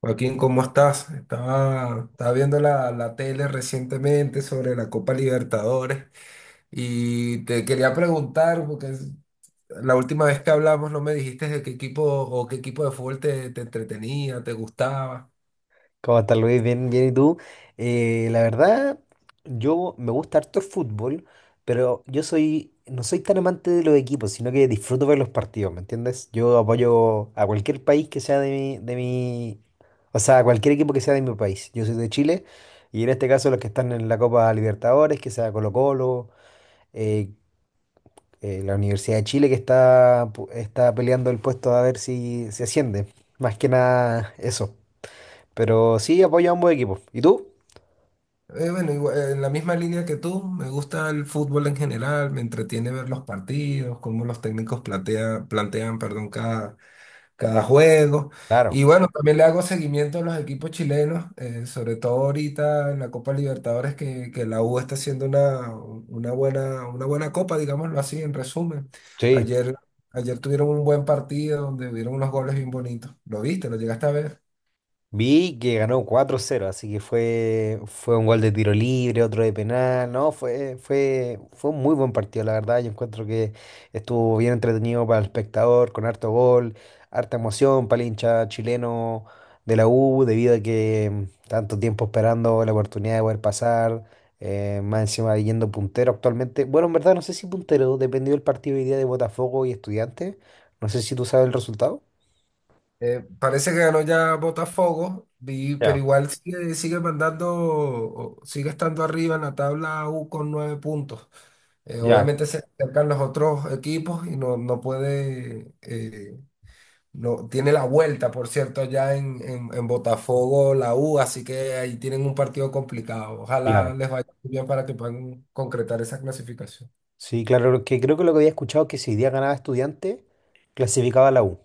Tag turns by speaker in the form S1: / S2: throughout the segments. S1: Joaquín, ¿cómo estás? Estaba viendo la tele recientemente sobre la Copa Libertadores y te quería preguntar, la última vez que hablamos no me dijiste de qué equipo o qué equipo de fútbol te entretenía, te gustaba.
S2: ¿Cómo estás, Luis? Bien, bien, ¿y tú? La verdad, yo me gusta harto el fútbol, pero no soy tan amante de los equipos, sino que disfruto ver los partidos, ¿me entiendes? Yo apoyo a cualquier país que sea o sea, a cualquier equipo que sea de mi país. Yo soy de Chile, y en este caso los que están en la Copa Libertadores, que sea Colo-Colo, eh, la Universidad de Chile que está peleando el puesto a ver si se asciende. Más que nada eso. Pero sí apoyo a ambos equipos. ¿Y tú?
S1: Bueno, igual, en la misma línea que tú, me gusta el fútbol en general, me entretiene ver los partidos, cómo los técnicos plantean, perdón, cada juego.
S2: Claro,
S1: Y bueno, también le hago seguimiento a los equipos chilenos, sobre todo ahorita en la Copa Libertadores, que la U está haciendo una buena copa, digámoslo así, en resumen.
S2: sí.
S1: Ayer, ayer tuvieron un buen partido donde hubieron unos goles bien bonitos. ¿Lo viste? ¿Lo llegaste a ver?
S2: Vi que ganó cuatro cero, así que fue un gol de tiro libre, otro de penal, no, fue un muy buen partido, la verdad. Yo encuentro que estuvo bien entretenido para el espectador, con harto gol, harta emoción para el hincha chileno de la U, debido a que tanto tiempo esperando la oportunidad de poder pasar, más encima yendo puntero actualmente. Bueno, en verdad no sé si puntero, dependió del partido hoy día de Botafogo y Estudiantes. No sé si tú sabes el resultado.
S1: Parece que ganó ya Botafogo, pero
S2: Ya,
S1: igual sigue, sigue mandando, sigue estando arriba en la tabla U con nueve puntos.
S2: ya,
S1: Obviamente se acercan los otros equipos y no, no puede, no, tiene la vuelta, por cierto, allá en Botafogo, la U, así que ahí tienen un partido complicado. Ojalá
S2: claro.
S1: les vaya muy bien para que puedan concretar esa clasificación.
S2: Sí, claro, que creo que lo que había escuchado que si hoy día ganaba estudiante, clasificaba a la U.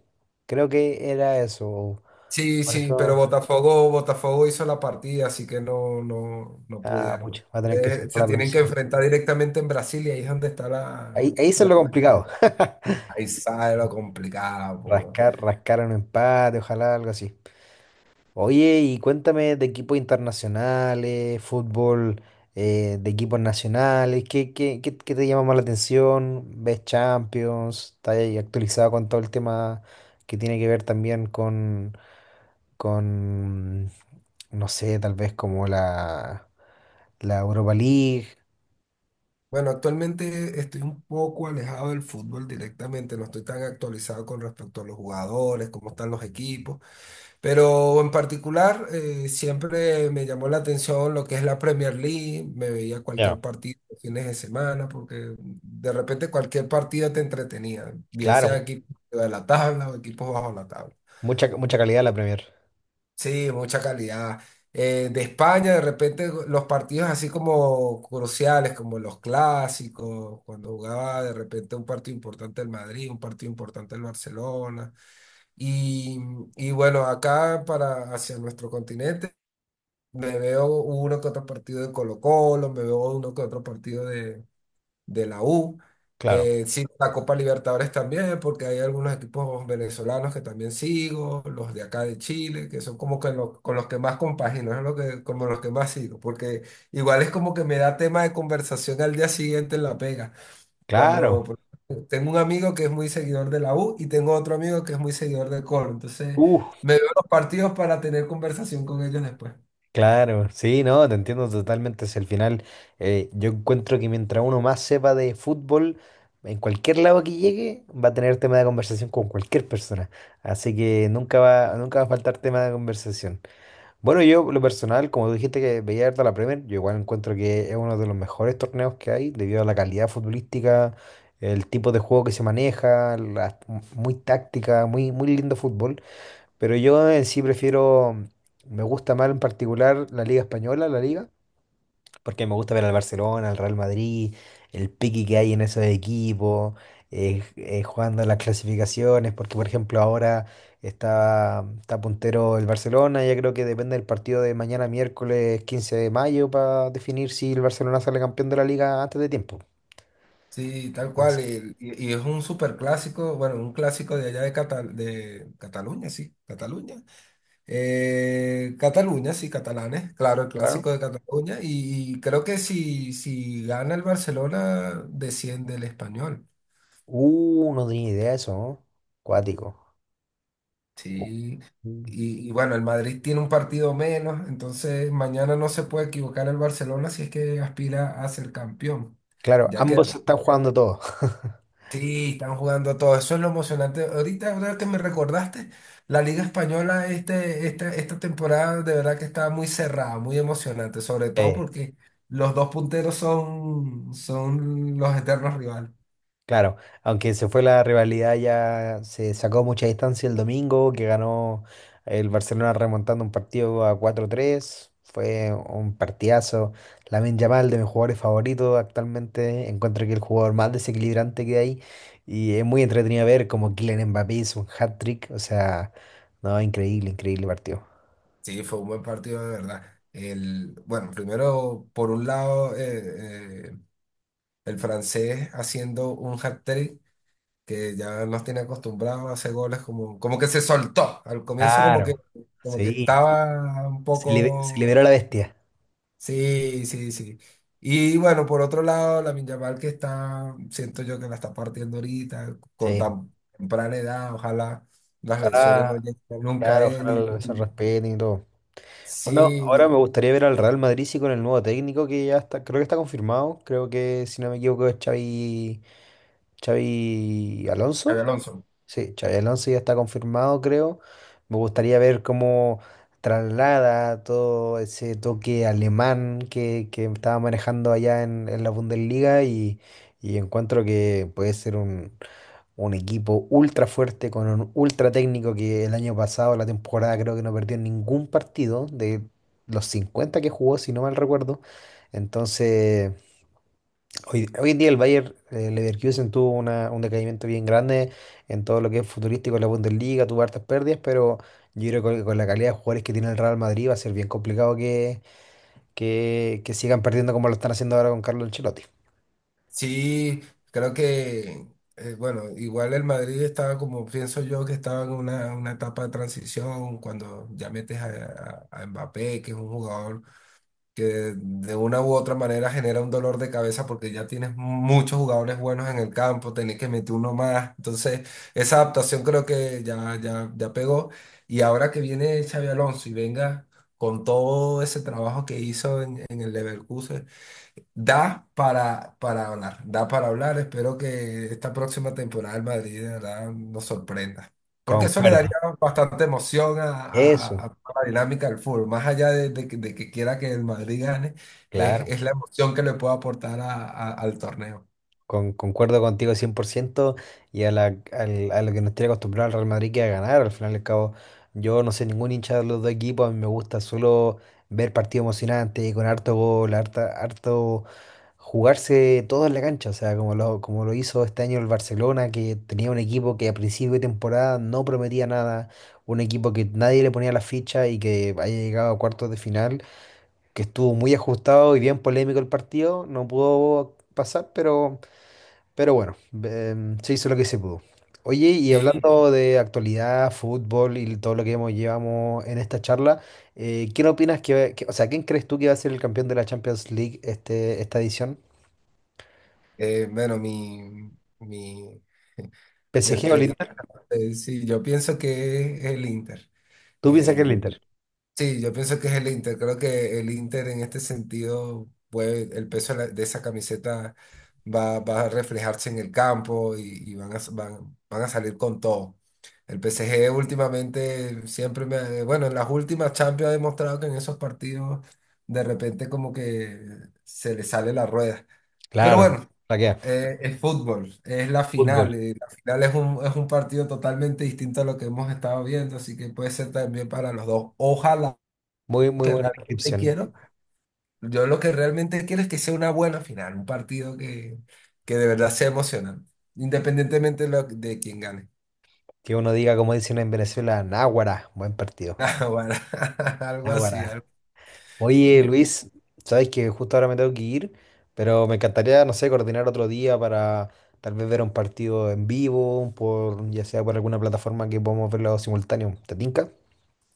S2: Creo que era eso.
S1: Sí,
S2: Por
S1: sí, pero
S2: eso,
S1: Botafogo hizo la partida, así que no, no
S2: ah,
S1: pudieron.
S2: pucha, va a tener que ser
S1: Se
S2: para la
S1: tienen que
S2: próxima.
S1: enfrentar directamente en Brasil y ahí es donde está la,
S2: Ahí eso es
S1: la...
S2: lo complicado.
S1: Ahí sale lo complicado, pues.
S2: Rascar un empate, ojalá algo así. Oye, y cuéntame de equipos internacionales, fútbol de equipos nacionales, ¿qué te llama más la atención? ¿Ves Champions? ¿Estás ahí actualizado con todo el tema que tiene que ver también con, no sé, tal vez como la Europa League?
S1: Bueno, actualmente estoy un poco alejado del fútbol directamente, no estoy tan actualizado con respecto a los jugadores, cómo están los equipos, pero en particular siempre me llamó la atención lo que es la Premier League, me veía cualquier
S2: Ya,
S1: partido los fines de semana, porque de repente cualquier partido te entretenía, bien
S2: claro,
S1: sea equipos de la tabla o equipos bajo la tabla.
S2: mucha, mucha calidad la Premier.
S1: Sí, mucha calidad. De España, de repente, los partidos así como cruciales, como los clásicos, cuando jugaba de repente un partido importante el Madrid, un partido importante el Barcelona. Y, y bueno, acá para hacia nuestro continente, me veo uno que otro partido de Colo-Colo, me veo uno que otro partido de la U.
S2: Claro,
S1: Sigo la Copa Libertadores también, porque hay algunos equipos venezolanos que también sigo, los de acá de Chile, que son como que con los que más compagino, es lo que, como los que más sigo, porque igual es como que me da tema de conversación al día siguiente en la pega. Cuando
S2: claro.
S1: por- tengo un amigo que es muy seguidor de la U y tengo otro amigo que es muy seguidor del Coro, entonces
S2: Uh,
S1: me veo los partidos para tener conversación con ellos después.
S2: claro, sí, no, te entiendo totalmente. Es el final. Yo encuentro que mientras uno más sepa de fútbol, en cualquier lado que llegue, va a tener tema de conversación con cualquier persona. Así que nunca va a faltar tema de conversación. Bueno, yo, lo personal, como tú dijiste que veía harto la Premier, yo igual encuentro que es uno de los mejores torneos que hay, debido a la calidad futbolística, el tipo de juego que se maneja, muy táctica, muy lindo fútbol. Pero yo en sí prefiero, me gusta más en particular la Liga Española, la Liga, porque me gusta ver al Barcelona, al Real Madrid, el pique que hay en esos equipos, jugando las clasificaciones, porque por ejemplo ahora está puntero el Barcelona, ya creo que depende del partido de mañana miércoles 15 de mayo para definir si el Barcelona sale campeón de la Liga antes de tiempo.
S1: Sí, tal cual.
S2: Entonces,
S1: Y es un súper clásico, bueno, un clásico de allá de, de Cataluña, sí, Cataluña. Cataluña, sí, catalanes, claro, el
S2: claro.
S1: clásico de Cataluña. Y, creo que si gana el Barcelona, desciende el español.
S2: No tenía idea de eso, ¿no? Cuático.
S1: Sí.
S2: Mm.
S1: Y bueno, el Madrid tiene un partido menos, entonces mañana no se puede equivocar el Barcelona si es que aspira a ser campeón.
S2: Claro,
S1: Ya queda.
S2: ambos están jugando todo.
S1: Sí, están jugando a todo. Eso es lo emocionante. Ahora que me recordaste, la Liga Española esta temporada de verdad que está muy cerrada, muy emocionante, sobre todo
S2: Eh,
S1: porque los dos punteros son, son los eternos rivales.
S2: claro, aunque se fue la rivalidad, ya se sacó mucha distancia el domingo, que ganó el Barcelona remontando un partido a cuatro tres. Fue un partidazo. Lamine Yamal, de mis jugadores favoritos actualmente, encuentro que el jugador más desequilibrante que hay. Y es muy entretenido ver como Kylian Mbappé hizo un hat-trick. O sea, no, increíble, increíble partido.
S1: Sí, fue un buen partido de verdad. El, bueno, primero, por un lado, el francés haciendo un hat-trick que ya nos tiene acostumbrados a hacer goles como, como que se soltó. Al comienzo
S2: Claro,
S1: como que
S2: sí.
S1: estaba un
S2: Se
S1: poco.
S2: liberó la bestia.
S1: Sí, sí, sí. Y bueno, por otro lado, la Yamal que está, siento yo que la está partiendo ahorita, con
S2: Sí.
S1: tan temprana edad, ojalá las lesiones
S2: Ojalá,
S1: no lleguen nunca a
S2: claro,
S1: él.
S2: ojalá se respeten y todo. Bueno, ahora
S1: Sí,
S2: me gustaría ver al Real Madrid sí, con el nuevo técnico que ya está, creo que está confirmado. Creo que, si no me equivoco, es Xavi, Xavi
S1: Xabi
S2: Alonso.
S1: Alonso.
S2: Sí, Xavi Alonso ya está confirmado, creo. Me gustaría ver cómo traslada todo ese toque alemán que estaba manejando allá en la Bundesliga y encuentro que puede ser un equipo ultra fuerte con un ultra técnico que el año pasado, la temporada, creo que no perdió ningún partido de los 50 que jugó, si no mal recuerdo. Entonces, hoy en día el Bayer Leverkusen tuvo un decaimiento bien grande en todo lo que es futurístico en la Bundesliga, tuvo hartas pérdidas, pero yo creo que con la calidad de jugadores que tiene el Real Madrid va a ser bien complicado que sigan perdiendo como lo están haciendo ahora con Carlo Ancelotti.
S1: Sí, creo que, bueno, igual el Madrid estaba como pienso yo que estaba en una etapa de transición, cuando ya metes a Mbappé, que es un jugador que de una u otra manera genera un dolor de cabeza porque ya tienes muchos jugadores buenos en el campo, tenés que meter uno más. Entonces, esa adaptación creo que ya pegó. Y ahora que viene Xavi Alonso y venga con todo ese trabajo que hizo en el Leverkusen, da para hablar, da para hablar. Espero que esta próxima temporada el Madrid de verdad nos sorprenda. Porque eso le daría
S2: Concuerdo.
S1: bastante emoción
S2: Eso,
S1: a toda la dinámica del fútbol. Más allá de que quiera que el Madrid gane,
S2: claro.
S1: es la emoción que le puede aportar al torneo.
S2: Concuerdo contigo 100% y a, la, a lo que nos tiene acostumbrado el Real Madrid, que a ganar. Al final y al cabo, yo no soy ningún hincha de los dos equipos. A mí me gusta solo ver partidos emocionantes con harto gol, harto jugarse todo en la cancha. O sea, como lo hizo este año el Barcelona, que tenía un equipo que a principio de temporada no prometía nada, un equipo que nadie le ponía la ficha y que haya llegado a cuartos de final, que estuvo muy ajustado y bien polémico el partido. No pudo pasar, pero. Pero bueno, se hizo lo que se pudo. Oye, y
S1: Sí.
S2: hablando de actualidad, fútbol y todo lo que hemos, llevamos en esta charla, ¿quién opinas o sea, quién crees tú que va a ser el campeón de la Champions League este, esta edición?
S1: Eh, bueno, mi, mi, mi
S2: ¿PSG o el
S1: experiencia,
S2: Inter?
S1: sí, yo pienso que es el Inter.
S2: ¿Tú piensas que el
S1: Eh,
S2: Inter?
S1: Sí, yo pienso que es el Inter. Creo que el Inter en este sentido, puede, el peso de, de esa camiseta va a reflejarse en el campo y, van a, s- van, van a salir con todo. El PSG últimamente siempre me... ha- bueno, en las últimas Champions ha demostrado que en esos partidos de repente como que se le sale la rueda. Pero
S2: Claro,
S1: bueno,
S2: la que
S1: es fútbol, es la
S2: fútbol.
S1: final. La final es un partido totalmente distinto a lo que hemos estado viendo, así que puede ser también para los dos. Ojalá
S2: Muy, muy
S1: que
S2: buena
S1: realmente
S2: descripción.
S1: quiero. Yo lo que realmente quiero es que sea una buena final, un partido que de verdad sea emocionante, independientemente de, de quién gane.
S2: Que uno diga, como dicen en Venezuela, Náguara, buen partido.
S1: Ah, bueno, algo así.
S2: Náguara. Oye, Luis, sabes que justo ahora me tengo que ir, pero me encantaría, no sé, coordinar otro día para tal vez ver un partido en vivo, por, ya sea por alguna plataforma que podamos verlo simultáneo. ¿Te tinca?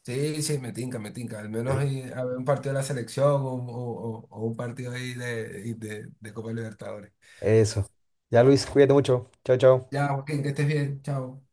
S1: Sí, sí, me tinca, me tinca. Al
S2: ¿Te
S1: menos
S2: tinca?
S1: a ver un partido de la selección o, o un partido ahí de, de Copa Libertadores.
S2: Eso. Ya, Luis, cuídate mucho. Chao, chao.
S1: Ya, Joaquín, que estés bien. Chao.